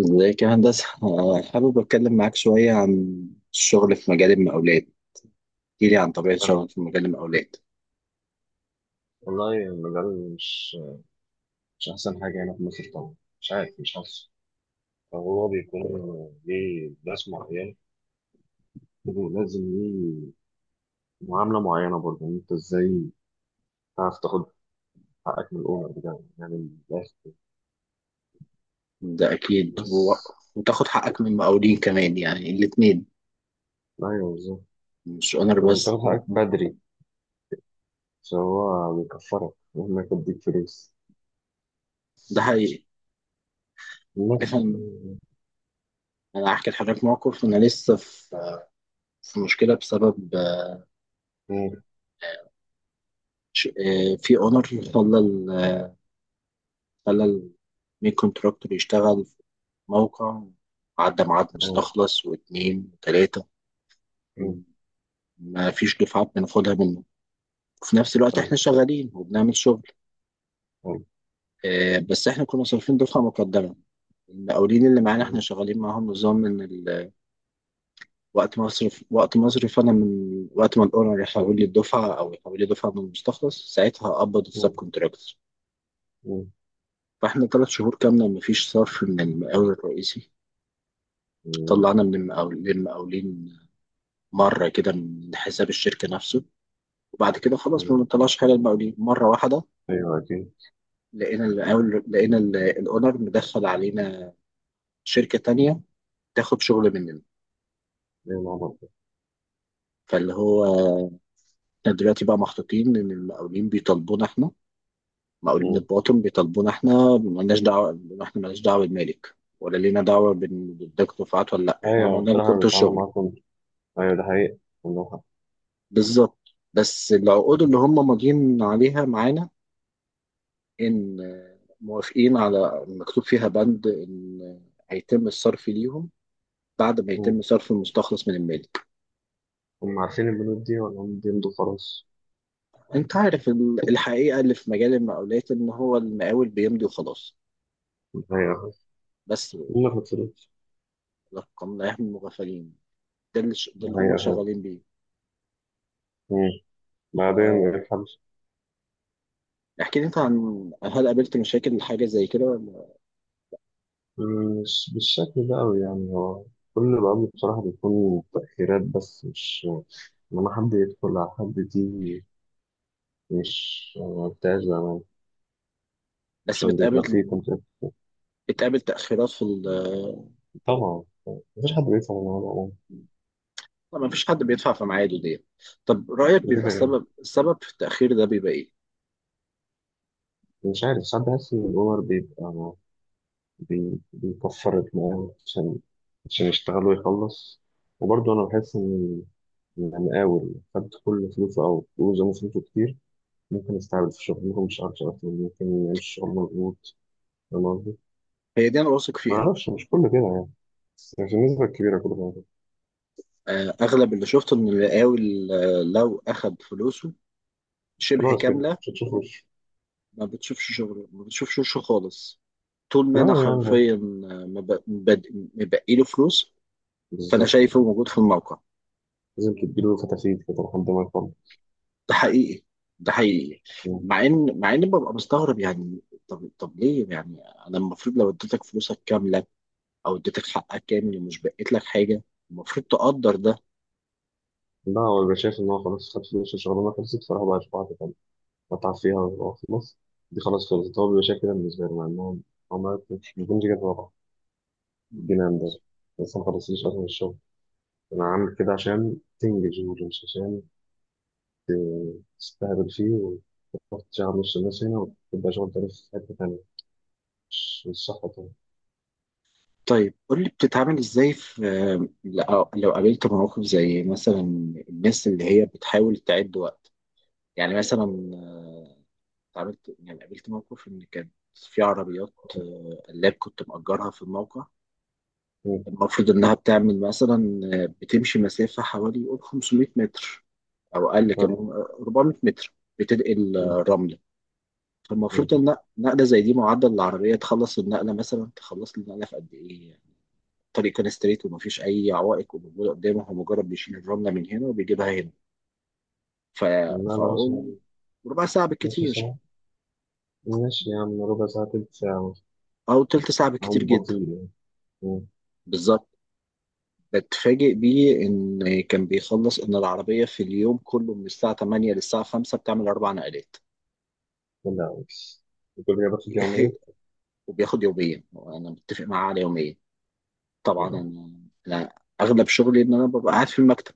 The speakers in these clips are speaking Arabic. ازيك يا هندسة؟ حابب أتكلم معاك شوية عن الشغل في مجال المقاولات. احكيلي عن طبيعة حلو. شغلك في مجال المقاولات. والله المجال مش أحسن حاجة هنا في مصر طبعا، مش عارف، مش حاسس، فهو بيكون ليه ناس معينة لازم ليه معاملة معينة برضه، إن أنت إزاي تعرف تاخد حقك من الأونر بتاعه، يعني من الآخر ده أكيد بس. وتاخد حقك من المقاولين كمان، يعني الاتنين أيوه بالظبط، مش أونر بس. وتاخد حقك بدري، فهو بيكفرك مهما يديك فلوس ده حقيقي. عارف، بس. أنا مم. أنا هحكي لحضرتك موقف. أنا لسه في مشكلة بسبب مم. في أونر خلى ال- خلى المين كونتراكتور يشتغل في موقع، عدى ميعاد مستخلص واتنين وتلاتة، مم. ما فيش دفعات بناخدها منه. وفي نفس الوقت حلو. احنا شغالين وبنعمل شغل حلو. آه، بس احنا كنا صارفين دفعة مقدمة. المقاولين اللي معانا، احنا مم. شغالين معاهم نظام وقت مصرف وقت مصرف. انا من وقت ما الاونر يحول لي الدفعة او يحول لي دفعة من المستخلص، ساعتها هقبض السب مم. كونتراكتور. فاحنا 3 شهور كاملة مفيش صرف من المقاول الرئيسي. مم. طلعنا للمقاولين مرة كده من حساب الشركة نفسه، وبعد كده خلاص ما مم. بنطلعش حاجة للمقاولين مرة واحدة. أيوه أكيد. لقينا الاونر مدخل علينا شركة تانية تاخد شغل مننا. أيوه مع فاللي هو احنا دلوقتي بقى محطوطين ان المقاولين بيطالبونا احنا، مقاولين بعض. الباطن بيطالبونا احنا، مالناش دعوه. احنا مالناش دعوه بالمالك، ولا لينا دعوه بالدكتور فؤاد ولا لا، احنا ايوه، عملنا لكم بصراحه انتوا بيتعاملوا الشغل. معاكم. ايوه ده حقيقي، عندهم حق. بالظبط، بس العقود اللي هم ماضيين عليها معانا، ان موافقين على، مكتوب فيها بند ان هيتم الصرف ليهم بعد ما مم. يتم صرف المستخلص من المالك. هم عارفين البنود دي ولا هم بيمضوا خلاص؟ انت عارف الحقيقه اللي في مجال المقاولات، ان هو المقاول بيمضي وخلاص ده حقيقة. بس. هم في الفلوس. لقمناهم مغفلين. ده ده اللي هم حقيقة. شغالين بيه. مم. ف... بعدين إيه الحبس؟ احكي لي انت عن، هل قابلت مشاكل حاجة زي كده ولا؟ مم، مش بالشكل ده أوي، يعني هو كل الأمر بصراحة بيكون تأخيرات، بس مش لما حد يدخل على حد، دي مش ما بتاعش زمان، بس عشان بيبقى فيه بتقابل كونتاكت. بتقابل تأخيرات في طبعا. مفيش حد بيدفع من العمر عموما. طبعا مفيش حد بيدفع في ميعاده دي. طب رأيك، ده كده بيبقى كده. السبب في التأخير ده بيبقى ايه؟ مش عارف، ساعات بحس إن الأونر بيبقى بيكفر دماغه عشان يشتغل ويخلص. وبرضه أنا بحس إن أنا قاول خدت كل فلوسه أو فلوسه من فلوسه كتير، ممكن أستعبد في الشغل، ممكن مش أعرف أشتغل، ممكن أعيش شغل مضغوط. فاهم قصدي؟ هي دي انا واثق فيها. معرفش، مش كله كده يعني، بس في النسبة الكبيرة كله كده. اغلب اللي شفته ان المقاول لو اخد فلوسه شبه خلاص كده كاملة، مش هتشوفوش. ما بتشوفش شغله، ما بتشوفش وشه خالص. طول ما لا انا يعني حرفيا مبقي له فلوس فانا بالظبط، شايفه موجود في الموقع. لازم تديله فتافيت كده لحد ما يخلص. ده حقيقي. ده حقيقي. مع ان ببقى مستغرب يعني. طب ليه يعني؟ انا المفروض لو اديتك فلوسك كامله، او اديتك حقك كامل ومش بقيت لك حاجه، المفروض تقدر ده. لا، هو بيبقى شايف إن هو خلاص خد فلوس، الشغلانة خلصت، فراح بقى يشوف واحدة تانية، قطع فيها وخلص. دي خلاص خلصت، هو بيبقى شايف كده بالنسبة له، مع إنهم عملت مش بيكونش كده طبعا. الجنان ده، لسه ما خلصتش أصلا الشغل. أنا عامل كده عشان تنجز شغل، مش عشان تستهبل فيه وتروح تشغل نص الناس هنا وتبقى شغل تاني في حتة تانية. مش صح طبعا. طيب قول لي، بتتعامل ازاي في، لو قابلت مواقف زي مثلا، الناس اللي هي بتحاول تعد وقت، يعني مثلا آه، اتعاملت، يعني قابلت موقف ان كانت في عربيات قلاب كنت مأجرها في الموقع. مم. المفروض إنها بتعمل مثلا، بتمشي مسافة حوالي يقول 500 متر، أو أقل طيب. كمان، 400 متر، بتنقل مم. رملة. مم. فالمفروض إن نقلة زي دي، معدل العربية تخلص النقلة، مثلا تخلص النقلة في قد إيه يعني؟ الطريق كان ستريت ومفيش أي عوائق وموجودة قدامه، هو مجرد بيشيل الرملة من هنا وبيجيبها هنا. ف... لا لا فأقول مثلا. ربع ساعة نص بالكتير، ساعة. ماشي يا عم، ربع ساعة، تلت ساعة. أو تلت ساعة بالكتير أقوم جدا. بطيء يعني. مم. بالظبط. اتفاجئ بيه إن كان بيخلص، إن العربية في اليوم كله من الساعة 8 للساعة 5 بتعمل أربع نقلات. لا بس كل جابت في الجامعية. وبياخد يومين، وأنا متفق معاه على يومين. طبعا أنا أغلب شغلي إن أنا ببقى قاعد في المكتب.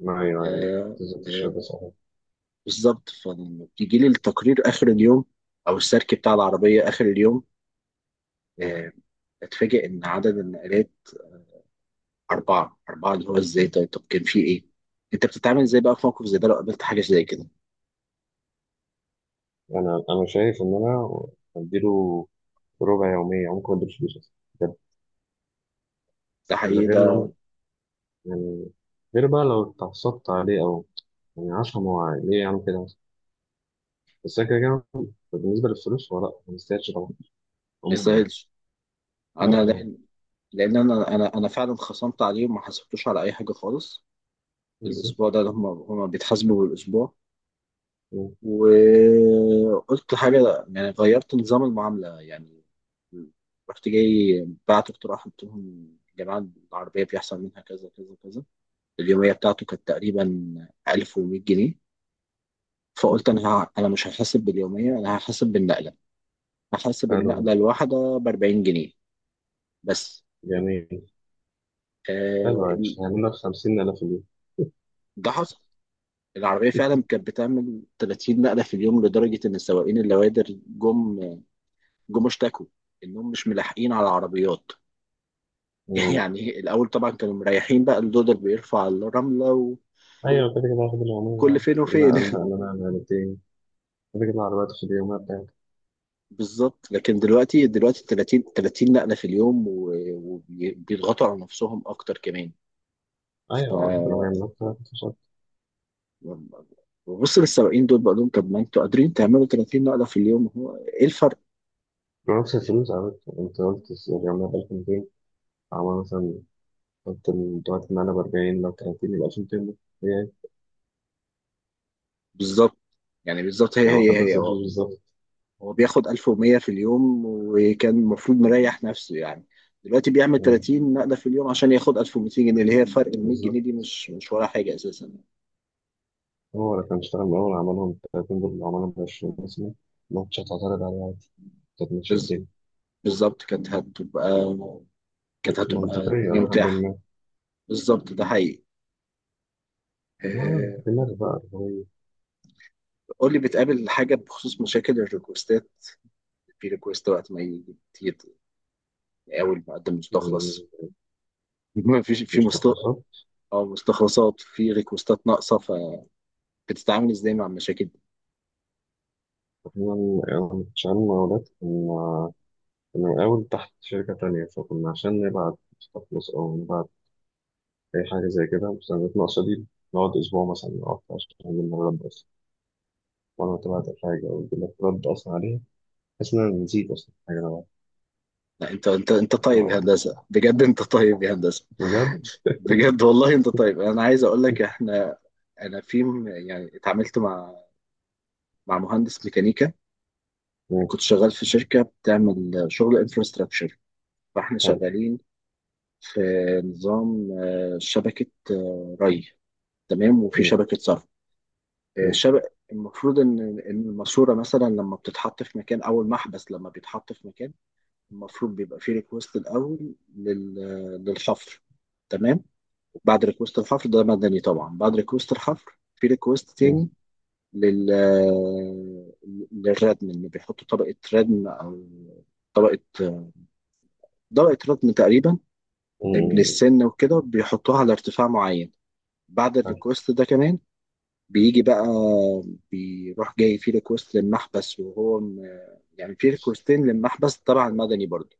معايا. آه، تنزل آه، تشرب بس. بالظبط، فلما بيجي لي التقرير آخر اليوم أو السيركي بتاع العربية آخر اليوم، آه، أتفاجئ إن عدد النقلات أربعة أربعة، اللي هو إزاي؟ طيب طب كان في إيه؟ أنت بتتعامل إزاي بقى في موقف زي ده لو قابلت حاجة زي كده؟ انا شايف ان انا اديله ربع يوميه، ممكن ما اديلوش فلوس اصلا بجد. ده من حقيقي غير نم... ده. يعني، غير بقى لو اتعصبت عليه او يعني، عشان هو عادي. ليه يعمل كده مثلا؟ بس أنا كده كده بالنسبه للفلوس هو لا ما يستاهلش طبعا ما عموما يعني. يسهلش، لا انا لا لان انا فعلا خصمت عليهم، ما حاسبتوش على اي حاجه خالص بالظبط. الاسبوع ده. هم بيتحاسبوا بالاسبوع. مم. وقلت حاجه، يعني غيرت نظام المعامله يعني. رحت جاي بعت اقتراح، قلت لهم يا جماعه، العربيه بيحصل منها كذا كذا كذا. اليوميه بتاعته كانت تقريبا 1100 جنيه. فقلت انا، انا مش هحاسب باليوميه، انا هحاسب بالنقله، هحاسب حلو ده. النقله الواحده ب 40 جنيه بس. جميل. آه، حلو عادي، هيعمل لك 50,000 في اليوم. ده حصل. العربية فعلا كانت بتعمل 30 نقلة في اليوم، لدرجة إن السواقين اللوادر جم اشتكوا إنهم مش ملاحقين على العربيات. مم. يعني الأول طبعا كانوا مريحين، بقى اللودر بيرفع الرملة ايوه كده كده هاخد اليوميه وكل عادي. فين لا وفين. لا لا لا لا لا، تاني. كده كده العربية في اليوميه بتاعتي. بالظبط، لكن دلوقتي، 30 نقلة في اليوم وبيضغطوا على نفسهم أكتر كمان. ف ايوه ربنا ما يعمل لك. ببص للسواقين دول بقول لهم، طب ما انتوا قادرين تعملوا 30 نقلة في اليوم، هو ايه الفرق؟ نفس الفلوس، عملت انت قلت يعني عملنا ب 1200. عملنا مثلا، قلت دلوقتي معانا ب 40، لو 30 يبقى 1200 ده هي. بالظبط، يعني بالظبط، هي يعني هو هي خد نفس هي الفلوس بالظبط. هو بياخد 1100 في اليوم، وكان المفروض مريح نفسه يعني. دلوقتي بيعمل اه، 30 نقلة في اليوم عشان ياخد 1200 جنيه، اللي هي فرق ال 100 بالظبط. جنيه دي مش ولا حاجة أساسا. هو اللي كان اشتغل من الأول عملهم 30، دول عملهم ب 20 مثلا، ماتش هتعترض عليه عادي، كانت ماشية بز- الدنيا بالظبط، كانت هتبقى منطقية الدنيا لحد متاحة. ما. بالظبط، ده حقيقي. اه آه، دماغ بقى اللي هو. قول لي، بتقابل حاجة بخصوص مشاكل الريكوستات؟ في ريكوست وقت ما يجي كتير، أول ما أقدم يعني مستخلص. ما فيش في مش مست تخلصات. أو مستخلصات، في ريكوستات ناقصة، فبتتعامل إزاي مع المشاكل؟ احنا يعني شغالين مقاولات، كنا من الأول تحت شركة تانية، فكنا عشان نبعت تخلص أو نبعت أي حاجة زي كده، بس أنا ناقصة دي نقعد أسبوع مثلا أو أكتر عشان نعمل نرد أصلا. وأنا تابعت الحاجة أو يجيب لك رد أصلا عليها بحيث إن أنا نسيت أصلا الحاجة اللي أنا لا انت طيب يا بعملها. هندسه، بجد انت طيب يا هندسه. بجد. بجد والله انت طيب. انا عايز اقول لك، احنا، انا يعني اتعاملت مع مهندس ميكانيكا. مم. كنت شغال في شركه بتعمل شغل انفراستراكشر. فاحنا حلو. شغالين في نظام شبكه ري، تمام، وفي مم. شبكه صرف. آه، مم. شبك المفروض ان الماسوره مثلا لما بتتحط في مكان، او المحبس لما بيتحط في مكان، المفروض بيبقى فيه ريكوست الاول للحفر، تمام. بعد ريكوست الحفر ده مدني طبعا. بعد ريكوست الحفر في ريكوست مم. تاني لل للردم، ان بيحطوا طبقه ردم، او طبقه طبقه ردم تقريبا من مم. السن وكده بيحطوها على ارتفاع معين. بعد حلو. الريكوست ده كمان بيجي بقى، بيروح جاي في ريكوست للمحبس، وهو يعني في ريكوستين للمحبس تبع المدني برضه،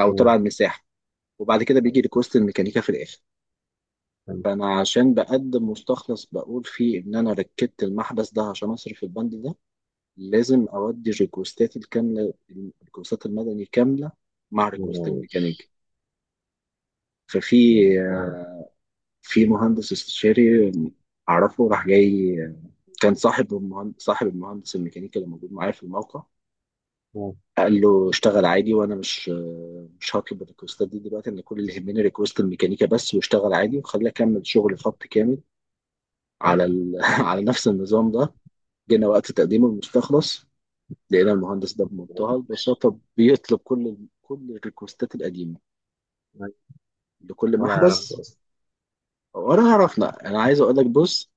او تبع مم. المساحه. وبعد كده بيجي حلو. ريكوست الميكانيكا في الاخر. حلو. فانا عشان بقدم مستخلص، بقول فيه ان انا ركبت المحبس ده عشان اصرف البند ده، لازم اودي ريكوستات الكامله، الريكوستات المدني كامله مع ريكوست مم. الميكانيكي. ففي آه. في مهندس استشاري اعرفه، راح جاي، كان صاحب المهندس الميكانيكي اللي موجود معايا في الموقع، مم. قال له اشتغل عادي وانا مش هطلب الريكوستات دي دلوقتي. انا كل اللي يهمني ريكوست الميكانيكا بس، واشتغل عادي وخليه اكمل شغل خط كامل حلو. على ال... على نفس النظام ده. جينا وقت تقديم المستخلص، لقينا المهندس ده بمنتهى البساطة بيطلب كل الريكوستات القديمة لكل ولا يعرفه محبس. أصلا. ولا عرفنا. أنا عايز أقول لك، بص،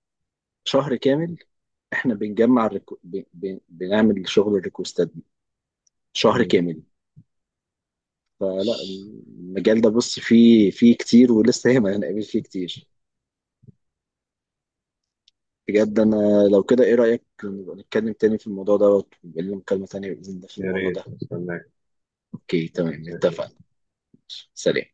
شهر كامل إحنا بنجمع بنعمل شغل الريكوستات دي، شهر مم. كامل. فلا، المجال ده بص فيه، كتير ولسه هنقابل فيه كتير. بجد أنا لو كده، إيه رأيك نبقى نتكلم تاني في الموضوع ده، ويبقى لنا مكالمة تانية بإذن الله في يا الموضوع ريت ده؟ أستناك. أوكي، ماشي تمام، زي الفل. اتفقنا. سلام.